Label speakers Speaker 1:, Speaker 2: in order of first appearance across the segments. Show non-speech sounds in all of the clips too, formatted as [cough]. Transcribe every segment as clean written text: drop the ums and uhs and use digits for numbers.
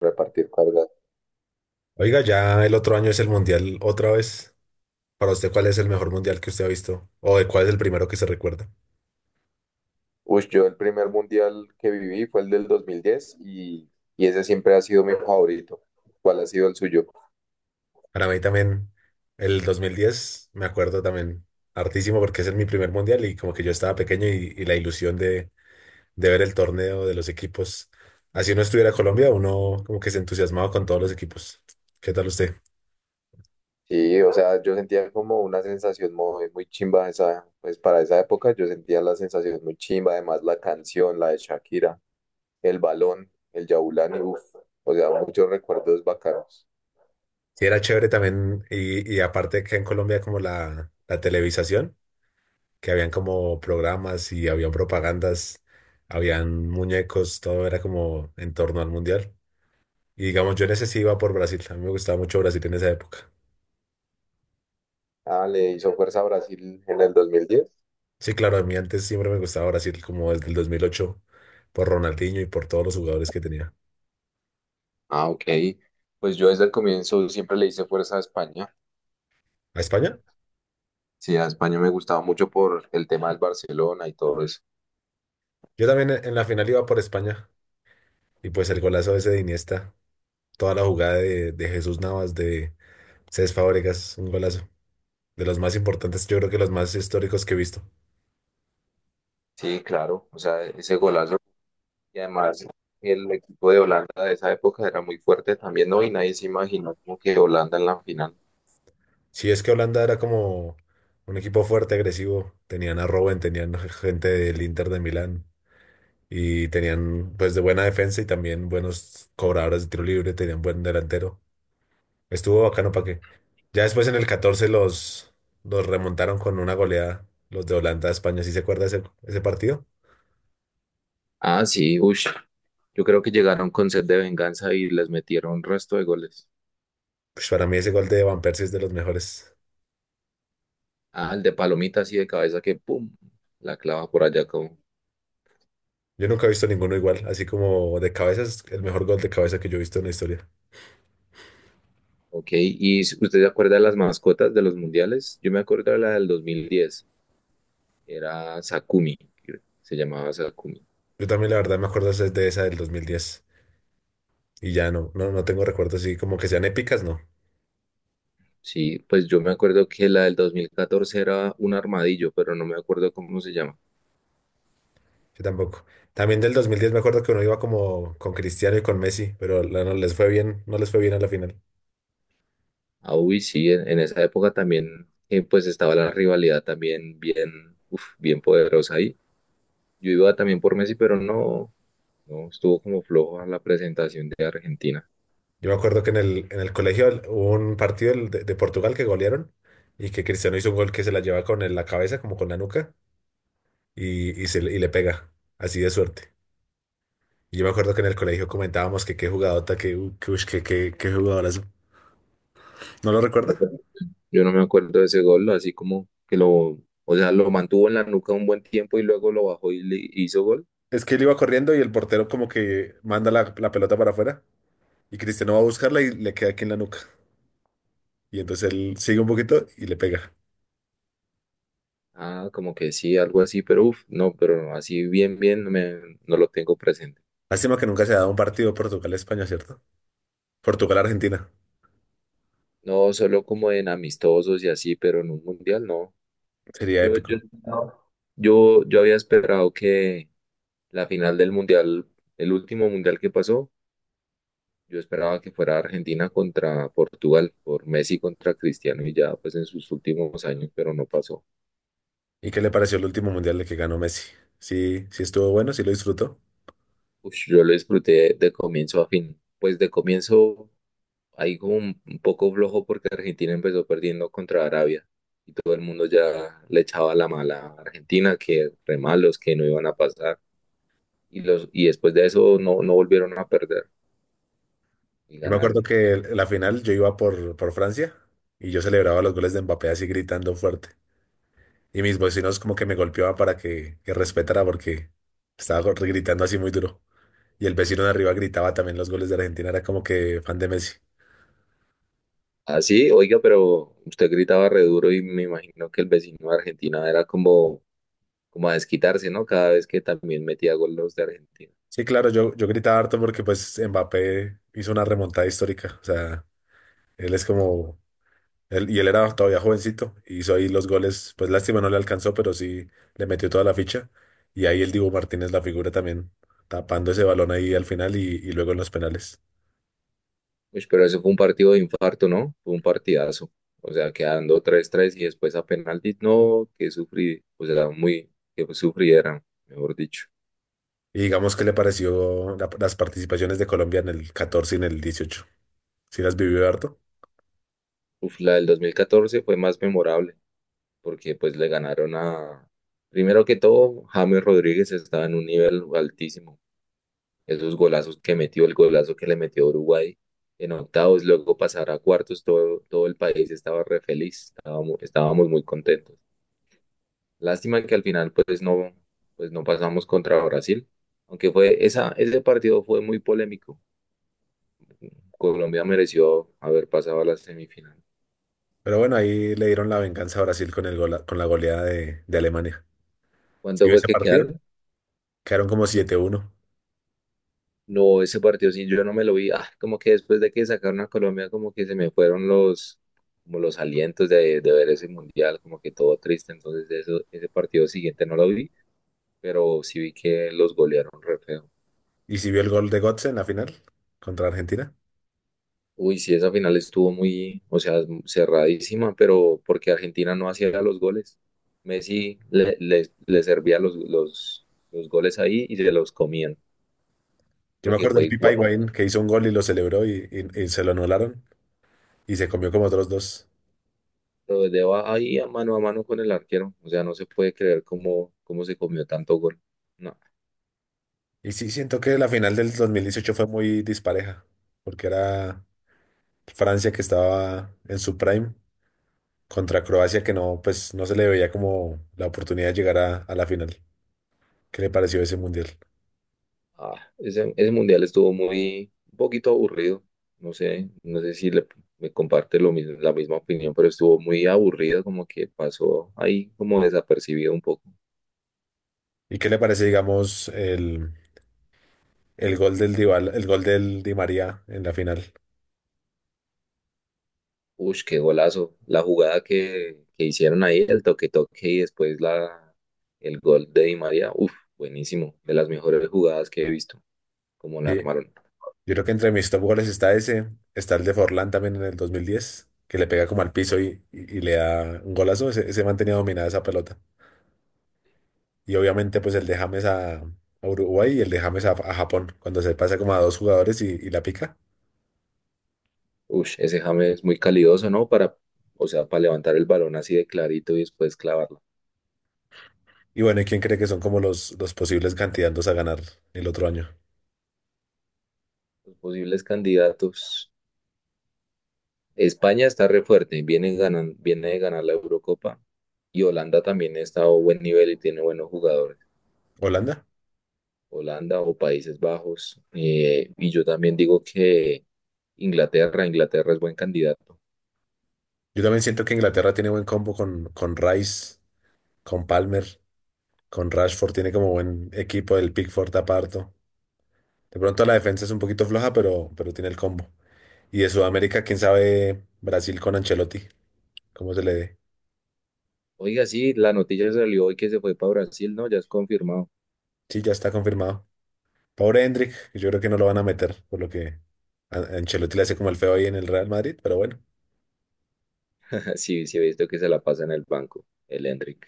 Speaker 1: Repartir cargas.
Speaker 2: Oiga, ya el otro año es el mundial otra vez. Para usted, ¿cuál es el mejor mundial que usted ha visto? ¿O de cuál es el primero que se recuerda?
Speaker 1: Uy, yo el primer mundial que viví fue el del 2010 y ese siempre ha sido mi favorito. ¿Cuál ha sido el suyo?
Speaker 2: Para mí también, el 2010, me acuerdo también hartísimo porque es el mi primer mundial y como que yo estaba pequeño y la ilusión de ver el torneo de los equipos. Así no estuviera Colombia, uno como que se entusiasmaba con todos los equipos. ¿Qué tal usted?
Speaker 1: Sí, o sea, yo sentía como una sensación muy chimba esa, pues para esa época yo sentía la sensación muy chimba, además la canción, la de Shakira, el balón, el Yaulani, o sea, muchos recuerdos bacanos.
Speaker 2: Sí, era chévere también y aparte que en Colombia como la televisación. Que habían como programas y habían propagandas, habían muñecos, todo era como en torno al mundial. Y digamos, yo en ese sí iba por Brasil, a mí me gustaba mucho Brasil en esa época.
Speaker 1: Ah, le hizo fuerza a Brasil en el 2010.
Speaker 2: Sí, claro, a mí antes siempre me gustaba Brasil como desde el 2008 por Ronaldinho y por todos los jugadores que tenía.
Speaker 1: Ah, ok. Pues yo desde el comienzo siempre le hice fuerza a España.
Speaker 2: ¿A España?
Speaker 1: Sí, a España me gustaba mucho por el tema del Barcelona y todo eso.
Speaker 2: Yo también en la final iba por España y pues el golazo ese de Iniesta, toda la jugada de Jesús Navas, de Cés Fábregas, un golazo. De los más importantes, yo creo que los más históricos que he visto.
Speaker 1: Sí, claro. O sea, ese golazo. Y además, el equipo de Holanda de esa época era muy fuerte también, ¿no? Y nadie se imaginó como que Holanda en la final.
Speaker 2: Sí, es que Holanda era como un equipo fuerte, agresivo. Tenían a Robben, tenían gente del Inter de Milán y tenían pues de buena defensa y también buenos cobradores de tiro libre, tenían buen delantero. Estuvo bacano para qué. Ya después en el 14 los remontaron con una goleada, los de Holanda a España. ¿Sí se acuerda ese partido?
Speaker 1: Ah, sí, ush. Yo creo que llegaron con sed de venganza y les metieron un resto de goles.
Speaker 2: Pues para mí ese gol de Van Persie es de los mejores.
Speaker 1: Ah, el de Palomita así de cabeza que ¡pum! La clava por allá como...
Speaker 2: Yo nunca he visto ninguno igual, así como de cabeza es el mejor gol de cabeza que yo he visto en la historia.
Speaker 1: Ok, ¿y usted se acuerda de las mascotas de los mundiales? Yo me acuerdo de la del 2010. Era Sakumi, creo, se llamaba Sakumi.
Speaker 2: Yo también la verdad me acuerdo es de esa del 2010. Y ya no tengo recuerdos así como que sean épicas, no.
Speaker 1: Sí, pues yo me acuerdo que la del 2014 era un armadillo, pero no me acuerdo cómo se llama.
Speaker 2: Yo tampoco. También del 2010 me acuerdo que uno iba como con Cristiano y con Messi, pero no les fue bien, no les fue bien a la final.
Speaker 1: Ah, uy, sí, en esa época también, pues estaba la rivalidad también bien, uf, bien poderosa ahí. Yo iba también por Messi, pero no estuvo como flojo a la presentación de Argentina.
Speaker 2: Yo me acuerdo que en el colegio hubo un partido el de Portugal que golearon y que Cristiano hizo un gol que se la lleva con la cabeza, como con la nuca, y le pega, así de suerte. Yo me acuerdo que en el colegio comentábamos que qué jugadota, que, u- que, ush, que, qué jugadorazo. ¿No lo recuerda?
Speaker 1: Yo no me acuerdo de ese gol, así como que lo, o sea, lo mantuvo en la nuca un buen tiempo y luego lo bajó y le hizo gol.
Speaker 2: Es que él iba corriendo y el portero como que manda la pelota para afuera. Y Cristiano va a buscarla y le queda aquí en la nuca. Y entonces él sigue un poquito y le pega.
Speaker 1: Ah, como que sí, algo así, pero uff, no, pero así bien, no lo tengo presente.
Speaker 2: Lástima que nunca se ha dado un partido Portugal-España, ¿cierto? Portugal-Argentina.
Speaker 1: No, solo como en amistosos y así, pero en un mundial no.
Speaker 2: Sería
Speaker 1: Yo,
Speaker 2: épico.
Speaker 1: yo, No. Yo había esperado que la final del mundial, el último mundial que pasó, yo esperaba que fuera Argentina contra Portugal, por Messi contra Cristiano y ya pues en sus últimos años, pero no pasó.
Speaker 2: ¿Y qué le pareció el último mundial de que ganó Messi? Sí, sí estuvo bueno, sí lo disfrutó.
Speaker 1: Ush, yo lo disfruté de comienzo a fin. Pues de comienzo ahí como un poco flojo porque Argentina empezó perdiendo contra Arabia y todo el mundo ya le echaba la mala a Argentina, que re malos, que no iban a pasar y después de eso no volvieron a perder y
Speaker 2: Yo me acuerdo
Speaker 1: ganaron.
Speaker 2: que la final yo iba por Francia y yo celebraba los goles de Mbappé así gritando fuerte. Y mis vecinos como que me golpeaban para que respetara porque estaba gritando así muy duro. Y el vecino de arriba gritaba también los goles de Argentina, era como que fan de Messi.
Speaker 1: Así, oiga, pero usted gritaba re duro y me imagino que el vecino de Argentina era como, como a desquitarse, ¿no? Cada vez que también metía gol los de Argentina.
Speaker 2: Sí, claro, yo gritaba harto porque pues Mbappé hizo una remontada histórica. O sea, él es como, y él era todavía jovencito, y hizo ahí los goles, pues lástima no le alcanzó, pero sí le metió toda la ficha. Y ahí el Dibu Martínez, la figura también, tapando ese balón ahí al final y luego en los penales.
Speaker 1: Uy, pero eso fue un partido de infarto, ¿no? Fue un partidazo. O sea, quedando tres tres y después a penaltis, no, que sufrí, o sea, muy, que sufrieran, mejor dicho.
Speaker 2: Y digamos, ¿qué le pareció las participaciones de Colombia en el 14 y en el 18? Sí las vivió harto.
Speaker 1: Uf, la del 2014 fue más memorable, porque pues le ganaron a, primero que todo, James Rodríguez estaba en un nivel altísimo. Esos golazos que metió, el golazo que le metió a Uruguay en octavos, luego pasar a cuartos, todo el país estaba re feliz, estábamos muy contentos. Lástima que al final pues no pasamos contra Brasil, aunque fue ese partido fue muy polémico. Colombia mereció haber pasado a la semifinal.
Speaker 2: Pero bueno, ahí le dieron la venganza a Brasil con el con la goleada de Alemania. ¿Sí
Speaker 1: ¿Cuánto
Speaker 2: vio
Speaker 1: fue
Speaker 2: ese
Speaker 1: que
Speaker 2: partido?
Speaker 1: quedaron?
Speaker 2: Quedaron como 7-1.
Speaker 1: No, ese partido sí, yo no me lo vi. Ah, como que después de que sacaron a Colombia, como que se me fueron como los alientos de ver ese mundial, como que todo triste. Entonces eso, ese partido siguiente no lo vi, pero sí vi que los golearon re feo.
Speaker 2: ¿Y si vio el gol de Götze en la final contra Argentina?
Speaker 1: Uy, sí, esa final estuvo muy, o sea, cerradísima, pero porque Argentina no hacía los goles. Messi le servía los goles ahí y se los comían,
Speaker 2: Yo
Speaker 1: lo
Speaker 2: me
Speaker 1: que
Speaker 2: acuerdo
Speaker 1: fue
Speaker 2: del Pipa
Speaker 1: igual.
Speaker 2: Higuaín que hizo un gol y lo celebró y se lo anularon y se comió como otros dos.
Speaker 1: Pero desde va- ahí a mano con el arquero, o sea, no se puede creer cómo se comió tanto gol. No,
Speaker 2: Y sí, siento que la final del 2018 fue muy dispareja, porque era Francia que estaba en su prime contra Croacia que no, pues no se le veía como la oportunidad de llegar a la final. ¿Qué le pareció ese mundial?
Speaker 1: ah, ese mundial estuvo muy, un poquito aburrido. No sé si le, me comparte lo mismo, la misma opinión, pero estuvo muy aburrido, como que pasó ahí como desapercibido un poco.
Speaker 2: ¿Y qué le parece, digamos, el el gol del Di María en la final?
Speaker 1: Ush, qué golazo. La que hicieron ahí, el toque-toque y después el gol de Di María. Uf, buenísimo. De las mejores jugadas que he visto, como la
Speaker 2: Sí,
Speaker 1: armaron.
Speaker 2: yo creo que entre mis top goles está ese, está el de Forlán también en el 2010, que le pega como al piso y le da un golazo, ese man tenía dominada esa pelota. Y obviamente pues el de James a Uruguay y el de James a Japón, cuando se pasa como a dos jugadores y la pica.
Speaker 1: Ush, ese James es muy calidoso, ¿no? Para, o sea, para levantar el balón así de clarito y después clavarlo.
Speaker 2: Y bueno, ¿y quién cree que son como los posibles candidatos a ganar el otro año?
Speaker 1: Los posibles candidatos. España está re fuerte, viene, ganan, viene de ganar la Eurocopa. Y Holanda también está a buen nivel y tiene buenos jugadores.
Speaker 2: ¿Holanda?
Speaker 1: Holanda o Países Bajos. Y yo también digo que Inglaterra es buen candidato.
Speaker 2: Yo también siento que Inglaterra tiene buen combo con Rice, con Palmer, con Rashford, tiene como buen equipo, el Pickford aparto. De pronto la defensa es un poquito floja, pero tiene el combo. Y de Sudamérica, quién sabe, Brasil con Ancelotti, cómo se le dé.
Speaker 1: Oiga, sí, la noticia salió hoy que se fue para Brasil, ¿no? Ya es confirmado.
Speaker 2: Sí, ya está confirmado. Pobre Hendrik, yo creo que no lo van a meter, por lo que Ancelotti le hace como el feo ahí en el Real Madrid, pero bueno.
Speaker 1: [laughs] Sí, sí, he visto que se la pasa en el banco, el Endrick.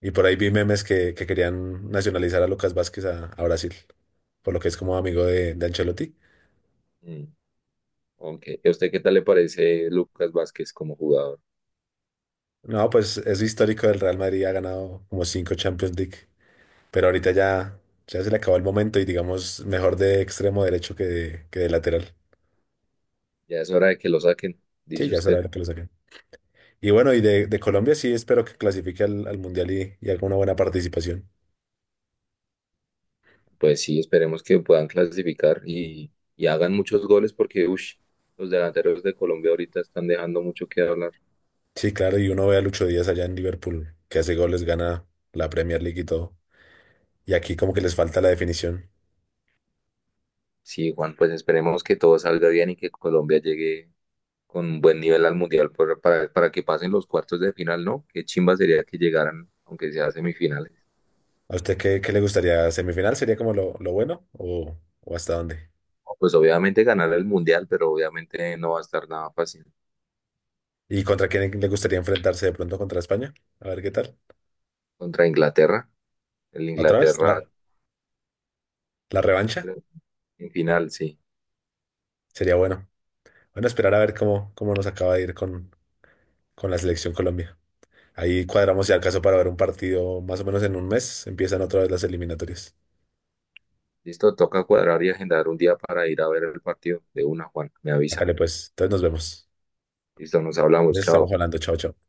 Speaker 2: Y por ahí vi memes que querían nacionalizar a Lucas Vázquez a Brasil, por lo que es como amigo de Ancelotti.
Speaker 1: Mm, ok. ¿A usted qué tal le parece Lucas Vázquez como jugador?
Speaker 2: No, pues es histórico del Real Madrid, ha ganado como cinco Champions League, pero ahorita ya, ya se le acabó el momento y digamos mejor de extremo derecho que de lateral.
Speaker 1: Ya es hora de que lo saquen,
Speaker 2: Sí,
Speaker 1: dice
Speaker 2: ya será
Speaker 1: usted.
Speaker 2: lo que lo saquen. Y bueno, y de Colombia sí espero que clasifique al Mundial y haga una buena participación.
Speaker 1: Pues sí, esperemos que puedan clasificar y hagan muchos goles porque, ush, los delanteros de Colombia ahorita están dejando mucho que hablar.
Speaker 2: Sí, claro, y uno ve a Lucho Díaz allá en Liverpool, que hace goles, gana la Premier League y todo. Y aquí como que les falta la definición.
Speaker 1: Sí, Juan, pues esperemos que todo salga bien y que Colombia llegue con un buen nivel al mundial por- para que pasen los cuartos de final, ¿no? Qué chimba sería que llegaran, aunque sea a semifinales.
Speaker 2: ¿A usted qué le gustaría? ¿Semifinal sería como lo bueno o hasta dónde?
Speaker 1: No, pues obviamente ganar el mundial, pero obviamente no va a estar nada fácil.
Speaker 2: ¿Y contra quién le gustaría enfrentarse de pronto contra España? A ver qué tal.
Speaker 1: Contra Inglaterra, el
Speaker 2: ¿Otra vez? ¿La,
Speaker 1: Inglaterra
Speaker 2: la revancha?
Speaker 1: creo, en final, sí.
Speaker 2: Sería bueno. Bueno, esperar a ver cómo nos acaba de ir con la selección Colombia. Ahí cuadramos ya el caso para ver un partido más o menos en un mes. Empiezan otra vez las eliminatorias.
Speaker 1: Listo, toca cuadrar y agendar un día para ir a ver el partido de una, Juan. Me
Speaker 2: Acá
Speaker 1: avisa.
Speaker 2: pues. Entonces nos vemos.
Speaker 1: Listo, nos hablamos.
Speaker 2: Les estamos
Speaker 1: Chao.
Speaker 2: hablando. Chao, chao.